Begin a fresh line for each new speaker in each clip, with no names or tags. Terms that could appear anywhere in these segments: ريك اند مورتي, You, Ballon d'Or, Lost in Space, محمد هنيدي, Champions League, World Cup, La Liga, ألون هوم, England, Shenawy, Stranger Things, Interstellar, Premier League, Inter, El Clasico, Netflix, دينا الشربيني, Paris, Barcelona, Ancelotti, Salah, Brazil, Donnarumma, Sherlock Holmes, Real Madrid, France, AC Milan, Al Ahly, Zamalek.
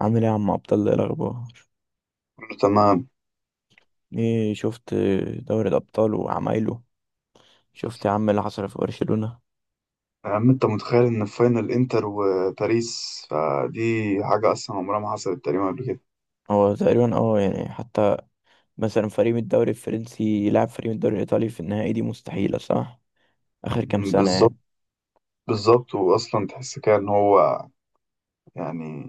عامل ايه يا عم ابطال؟ ايه الاخبار؟
كله تمام.
ايه شفت؟ دوري الابطال وعمايله. شفت يا عم اللي حصل في برشلونة؟
يا عم انت متخيل ان في فاينل انتر وباريس؟ فدي حاجة اصلا عمرها ما حصلت تقريبا قبل كده.
هو تقريبا يعني حتى مثلا فريق من الدوري الفرنسي يلعب فريق من الدوري الايطالي في النهائي، دي مستحيلة صح؟ اخر كام سنة
بالظبط.
يعني.
بالظبط، واصلا تحس كده ان هو، يعني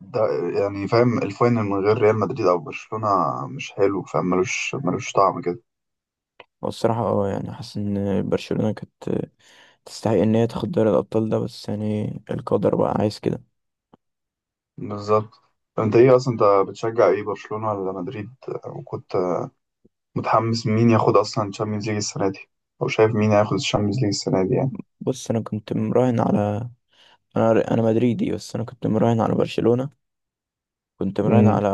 ده يعني فاهم الفاينل من غير ريال مدريد او برشلونة مش حلو، فاهم؟ ملوش طعم كده.
هو الصراحة يعني حاسس ان برشلونة كانت تستحق ان هي تاخد دوري الابطال ده، بس يعني القدر بقى عايز كده.
بالظبط. انت ايه اصلا، انت بتشجع ايه، برشلونة ولا مدريد؟ وكنت متحمس مين ياخد اصلا الشامبيونز ليج السنة دي؟ او شايف مين هياخد الشامبيونز ليج السنة دي يعني؟
بص، انا مدريدي، بس انا كنت مراهن على برشلونة، كنت مراهن
امم
على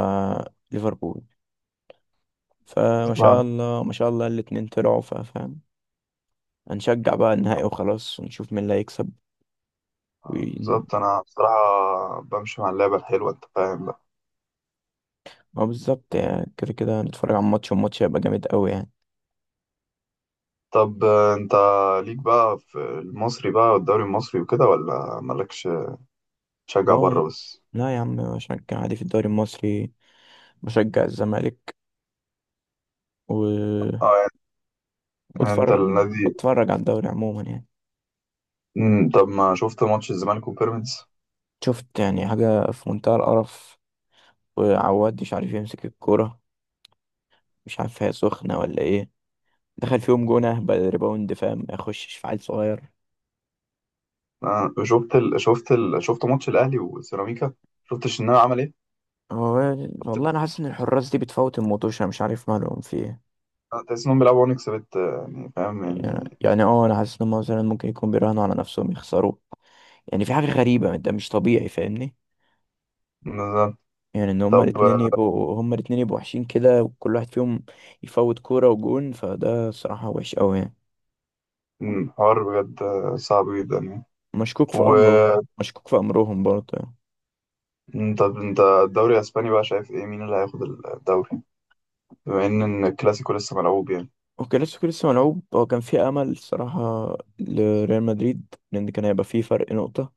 ليفربول. فما شاء الله ما شاء الله الاتنين طلعوا، فاهم؟ هنشجع بقى النهائي وخلاص، ونشوف مين اللي هيكسب. و
بالظبط. انا بصراحة بمشي مع اللعبة الحلوة، انت فاهم بقى.
ما بالظبط، يعني كده كده هنتفرج على الماتش، والماتش هيبقى جامد قوي يعني.
طب انت ليك بقى في المصري بقى والدوري المصري وكده، ولا مالكش، تشجع
اه،
بره بس؟
لا يا عم، بشجع عادي في الدوري المصري، بشجع الزمالك، وبتفرج
اه، يعني انت النادي.
بتفرج على الدوري عموما يعني.
طب ما شفت ماتش الزمالك وبيراميدز؟
شفت يعني حاجة في منتهى القرف، وعواد مش عارف يمسك الكورة، مش عارف هي سخنة ولا ايه، دخل فيهم جون اهبل ريباوند، فاهم؟ ما يخشش في عيل صغير.
شفت ماتش الاهلي وسيراميكا؟ شفت الشناوي عمل ايه؟
هو
شفت ال-
والله انا حاسس ان الحراس دي بتفوت الموتوشة، مش عارف مالهم في ايه.
تحس انهم بيلعبوا ونكس بت يعني، فاهم
يعني
يعني.
انا حاسس ان هم مثلا ممكن يكون بيراهنوا على نفسهم يخسروا. يعني في حاجة غريبة، ده مش طبيعي فاهمني.
بالظبط.
يعني ان هما
طب
الاتنين يبقوا هما الاتنين يبقوا وحشين كده، وكل واحد فيهم يفوت كورة وجون، فده صراحة وحش قوي يعني.
حوار بجد صعب جدا يعني.
مشكوك في امره، مشكوك في امرهم برضه يعني.
طب انت الدوري الاسباني بقى شايف ايه، مين اللي هياخد الدوري، بما ان إن الكلاسيكو لسه ملعوب يعني؟
وكلاسيكو لسه ملعوب، هو كان في امل الصراحة لريال مدريد، لان كان هيبقى فيه فرق نقطة،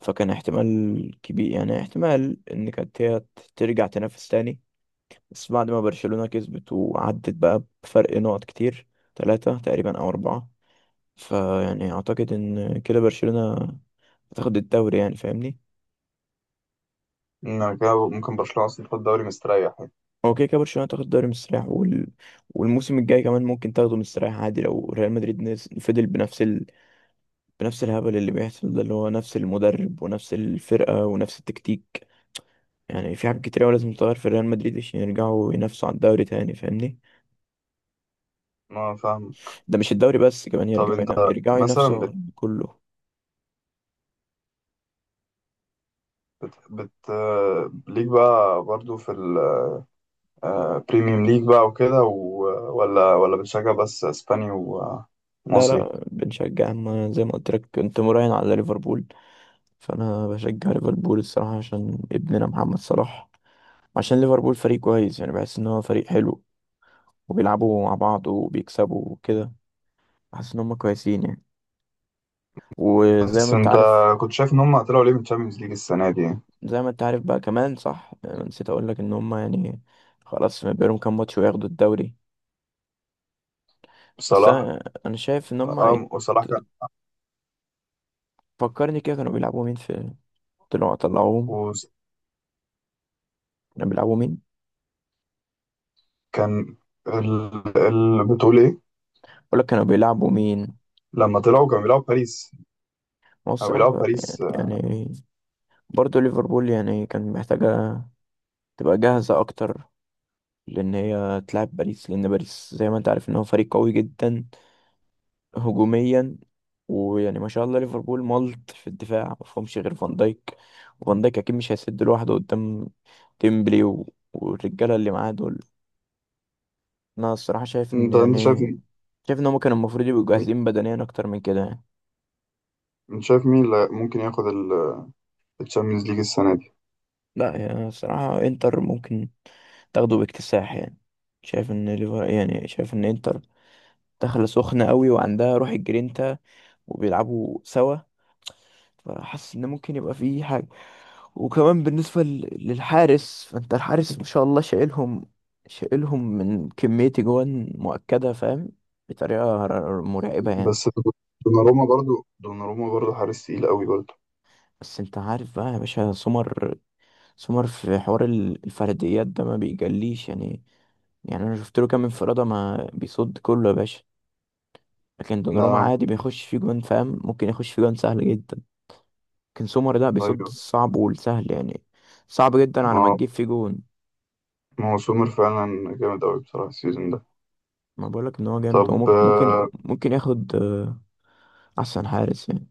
فكان احتمال كبير، يعني احتمال ان كانت هي ترجع تنافس تاني. بس بعد ما برشلونة كسبت وعدت بقى بفرق نقط كتير، ثلاثة تقريبا او اربعة، فيعني اعتقد ان كده برشلونة هتاخد الدوري يعني، فاهمني؟
انا كده ممكن برشلونة اصلا تاخد الدوري مستريح يعني.
هو كده كده برشلونة تاخد الدوري مستريح، والموسم الجاي كمان ممكن تاخده مستريح عادي، لو ريال مدريد فضل بنفس بنفس الهبل اللي بيحصل ده، اللي هو نفس المدرب ونفس الفرقة ونفس التكتيك. يعني في حاجات كتير أوي لازم تتغير في ريال مدريد عشان يرجعوا ينافسوا على الدوري تاني، فاهمني؟
ما فاهم.
ده مش الدوري بس، كمان
طب انت
يرجعوا
مثلا
ينافسوا كله.
ليك بقى برضو في البريميوم ليج بقى وكده و... ولا بتشجع بس اسباني
لا
ومصري؟
لا، بنشجع، أما زي ما قلت لك كنت مراهن على ليفربول، فأنا بشجع ليفربول الصراحة عشان ابننا محمد صلاح، عشان ليفربول فريق كويس يعني، بحس إن هو فريق حلو وبيلعبوا مع بعض وبيكسبوا وكده، بحس إن هما كويسين يعني. وزي ما
بس
أنت
انت
عارف
كنت شايف ان هم طلعوا ليه من الشامبيونز ليج السنة دي يعني؟
زي ما أنت عارف بقى كمان، صح، نسيت أقول لك إن هما يعني خلاص ما بينهم كام ماتش وياخدوا الدوري. بس
صلاح.
انا انا شايف ان هم يت-
اه، وصلاح كان،
فكرني كده، كانوا بيلعبوا مين في، طلعوهم كانوا بيلعبوا مين،
وكان ال... ال... بتقول ايه؟
ولا كانوا بيلعبوا مين؟
لما طلعوا كانوا بيلعبوا باريس،
هو
او
الصراحة
بيلعبوا
ب-
باريس؟
يعني برضه ليفربول يعني كان محتاجة تبقى جاهزة أكتر، لأن هي تلعب باريس، لأن باريس زي ما أنت عارف إن هو فريق قوي جدا هجوميا. ويعني ما شاء الله ليفربول ملط في الدفاع، ما فيهمش غير فان دايك، وفان دايك أكيد مش هيسد لوحده قدام ديمبلي والرجالة اللي معاه دول. انا الصراحه شايف ان
انت شايف
يعني شايف ان هم كانوا المفروض يبقوا
مين-
جاهزين بدنيا اكتر من كده يعني.
انت شايف مين اللي ممكن ياخد الشامبيونز ليج السنه دي؟
لا يعني الصراحه انتر ممكن تاخده باكتساح يعني، شايف ان انتر داخله سخنه قوي وعندها روح الجرينتا وبيلعبوا سوا، فحاسس ان ممكن يبقى فيه حاجه. وكمان بالنسبه للحارس، فانت الحارس ما شاء الله شايلهم، شايلهم من كميه جوان مؤكده، فاهم؟ بطريقه مرعبه يعني.
بس دوناروما برضو، دوناروما برضو حارس تقيل قوي برضو.
بس انت عارف بقى يا باشا، سمر في حوار الفرديات ده ما بيجليش يعني، يعني انا شفت له كام انفرادة ما بيصد كله يا باشا، لكن دوناروما
نعم.
عادي بيخش فيه جوان، فاهم؟ ممكن يخش فيه جوان سهل جدا، لكن سومر ده بيصد
ايوه.
الصعب والسهل يعني، صعب جدا على ما
ما
تجيب فيه جون.
ما هو سومر فعلا جامد قوي بصراحه السيزون ده.
ما بقولك ان هو جامد، هو
طب
ممكن ممكن ياخد احسن حارس يعني.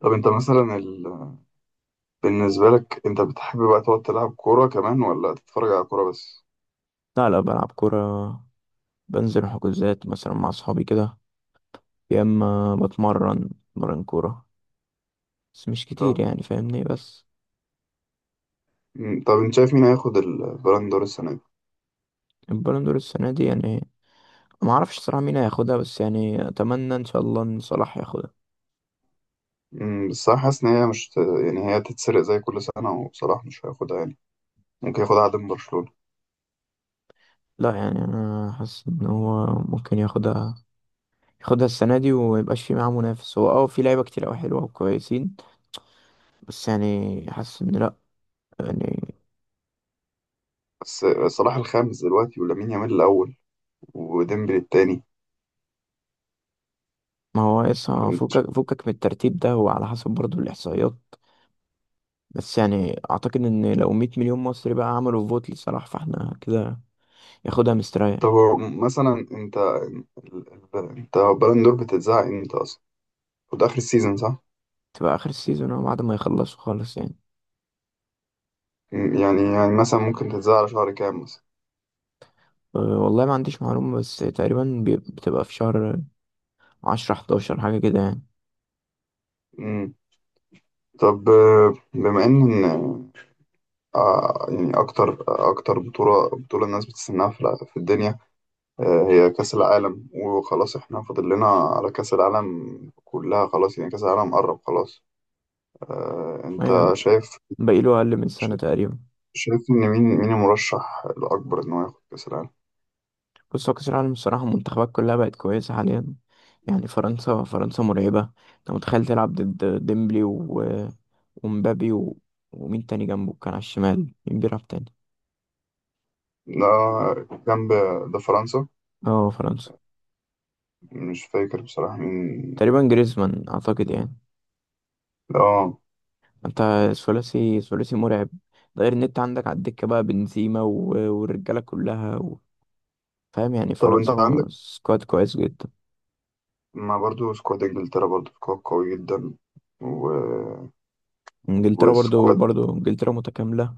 طب انت مثلا ال... بالنسبه لك انت بتحب بقى تقعد تلعب كوره كمان ولا تتفرج على كوره بس؟
لا لا، بلعب كرة، بنزل حجوزات مثلا مع اصحابي كده، يا اما بتمرن كورة، بس مش كتير
طب
يعني فاهمني. بس
طب انت شايف مين هياخد البالون دور السنه دي؟
البالون دور السنة دي يعني، ما اعرفش الصراحه مين هياخدها، بس يعني اتمنى ان شاء الله ان صلاح ياخدها.
بس انا حاسس ان هي مش ت- يعني هي تتسرق زي كل سنه، وبصراحه مش هياخدها يعني. ممكن ياخدها عدم برشلونة.
لا يعني انا حاسس ان هو ممكن ياخدها، ياخدها السنه دي وما يبقاش في معاه منافس. هو في لعيبه كتير قوي حلوه وكويسين، بس يعني حاسس ان لا يعني.
بس صلاح الخامس دلوقتي، ولامين يامال الأول، وديمبلي التاني.
ما هو لسه
فانت،
فكك من الترتيب ده، هو على حسب برضه الاحصائيات، بس يعني اعتقد ان لو 100 مليون مصري بقى عملوا فوت لصلاح، فاحنا كده ياخدها
طب
مستريح.
مثلا انت، انت بالون دور بتتذاع امتى اصلا؟ خد آخر السيزون صح؟
تبقى اخر السيزون أهو، بعد ما يخلصوا خالص يعني.
يعني مثلا ممكن تتذاع على شهر كام مثلا؟
والله ما عنديش معلومه، بس تقريبا بتبقى في شهر عشرة حداشر، حاجة كده يعني.
مم. طب بما ان يعني اكتر بطولة بطولة الناس بتستناها في الدنيا هي كأس العالم، وخلاص احنا فاضل لنا على كأس العالم، كلها خلاص يعني، كأس العالم قرب خلاص. انت
أيوة،
شايف،
باقيله أقل من
ش-
سنة تقريبا.
شايف إن مين، مين المرشح الأكبر إن هو ياخد كأس العالم؟
بص، هو كأس العالم الصراحة المنتخبات كلها بقت كويسة حاليا، يعني فرنسا فرنسا مرعبة. أنت متخيل تلعب ضد ديمبلي ومبابي ومين تاني جنبه، كان على الشمال مين بيلعب تاني؟
لا، جنب، ده فرنسا.
اه فرنسا،
مش فاكر بصراحة مين.
تقريبا جريزمان أعتقد يعني.
اه.
أنت، ثلاثي ثلاثي مرعب، ده غير إن أنت عندك على الدكة بقى بنزيما والرجالة كلها فاهم؟ يعني
طب أنت
فرنسا
عندك،
سكواد كويس جدا.
ما برضو سكواد إنجلترا برضو سكواد قوي جدا، و...
انجلترا برضو
وسكواد
برضو انجلترا متكاملة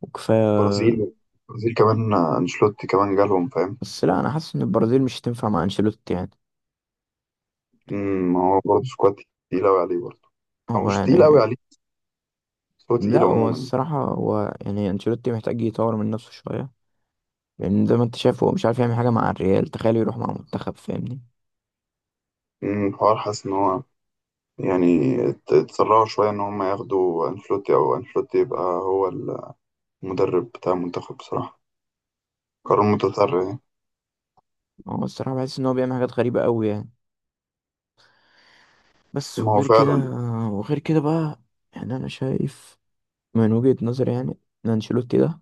وكفاية.
البرازيل. البرازيل كمان أنشيلوتي كمان جالهم، فاهم؟
بس لا أنا حاسس إن البرازيل مش هتنفع مع أنشيلوتي يعني.
ما هو برضو سكواد تقيل أوي عليه برضو، أو
هو
مش تقيل أوي
يعني،
عليه، بس هو
لا
تقيل
هو
عموما.
الصراحة هو يعني أنشيلوتي محتاج يطور من نفسه شوية، لأن زي ما أنت شايف هو مش عارف يعمل حاجة مع الريال، تخيل يروح مع منتخب، فاهمني؟
الحوار حاسس إن هو يعني اتسرعوا شوية إن هم ياخدوا أنشيلوتي، أو أنشيلوتي يبقى هو المدرب بتاع المنتخب بصراحة. قرار متسرع يعني.
هو الصراحة بحس إن هو بيعمل حاجات غريبة أوي يعني. بس
ما هو
وغير كده
فعلا.
وغير كده بقى، يعني أنا شايف من وجهة نظري يعني إن أنشيلوتي ده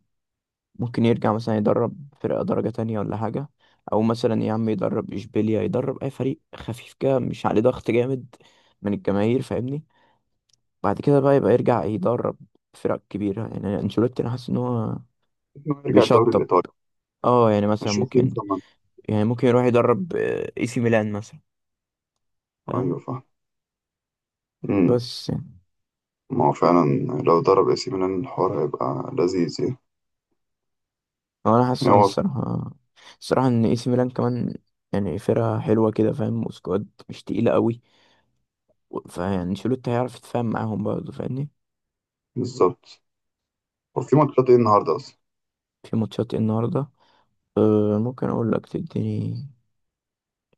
ممكن يرجع مثلا يدرب فرقة درجة تانية ولا حاجة، أو مثلا يا عم يدرب إشبيليا، يدرب أي فريق خفيف كده مش عليه ضغط جامد من الجماهير، فاهمني؟ بعد كده بقى يبقى يرجع يدرب فرق كبيرة يعني. أنشيلوتي أنا حاسس إن هو
إنه يرجع الدوري
بيشطب،
الإيطالي،
اه يعني مثلا
مش روتين
ممكن،
كمان؟
يعني ممكن يروح يدرب اي سي ميلان مثلا، فاهم؟
أيوة فاهم. أمم.
بس يعني
ما هو فعلا، لو ضرب اي سي ميلان الحوار هيبقى لذيذ يعني.
هو أنا حاسس
يعني هو،
الصراحة إن اي سي ميلان كمان يعني فرقة حلوة كده فاهم، وسكواد مش تقيلة قوي، فيعني أنشيلوتي هيعرف يتفاهم معاهم برضه، فاهمني؟
بالظبط. هو في ماتشات ايه النهاردة أصلا؟
في ماتشات إيه النهارده؟ أه ممكن اقول لك، تديني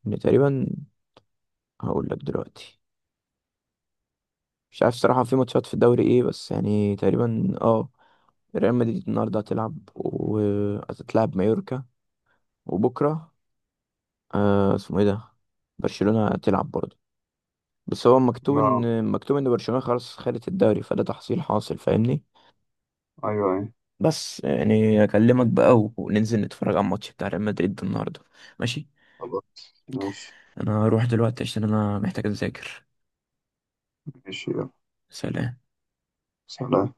ان تقريبا، هقول لك دلوقتي. مش عارف صراحة في ماتشات في الدوري ايه، بس يعني تقريبا ريال مدريد النهارده هتلعب وهتتلعب مايوركا، وبكرة أه اسمه ايه ده، برشلونة هتلعب برضه، بس هو مكتوب
ما
ان مكتوب ان برشلونة خلاص خدت الدوري، فده تحصيل حاصل فاهمني.
أيوة أيوة.
بس يعني اكلمك بقى وننزل نتفرج على الماتش بتاع ريال مدريد النهارده، ماشي؟
خلاص ماشي.
انا هروح دلوقتي عشان انا محتاج اذاكر.
ماشي يلا.
سلام.
سلام.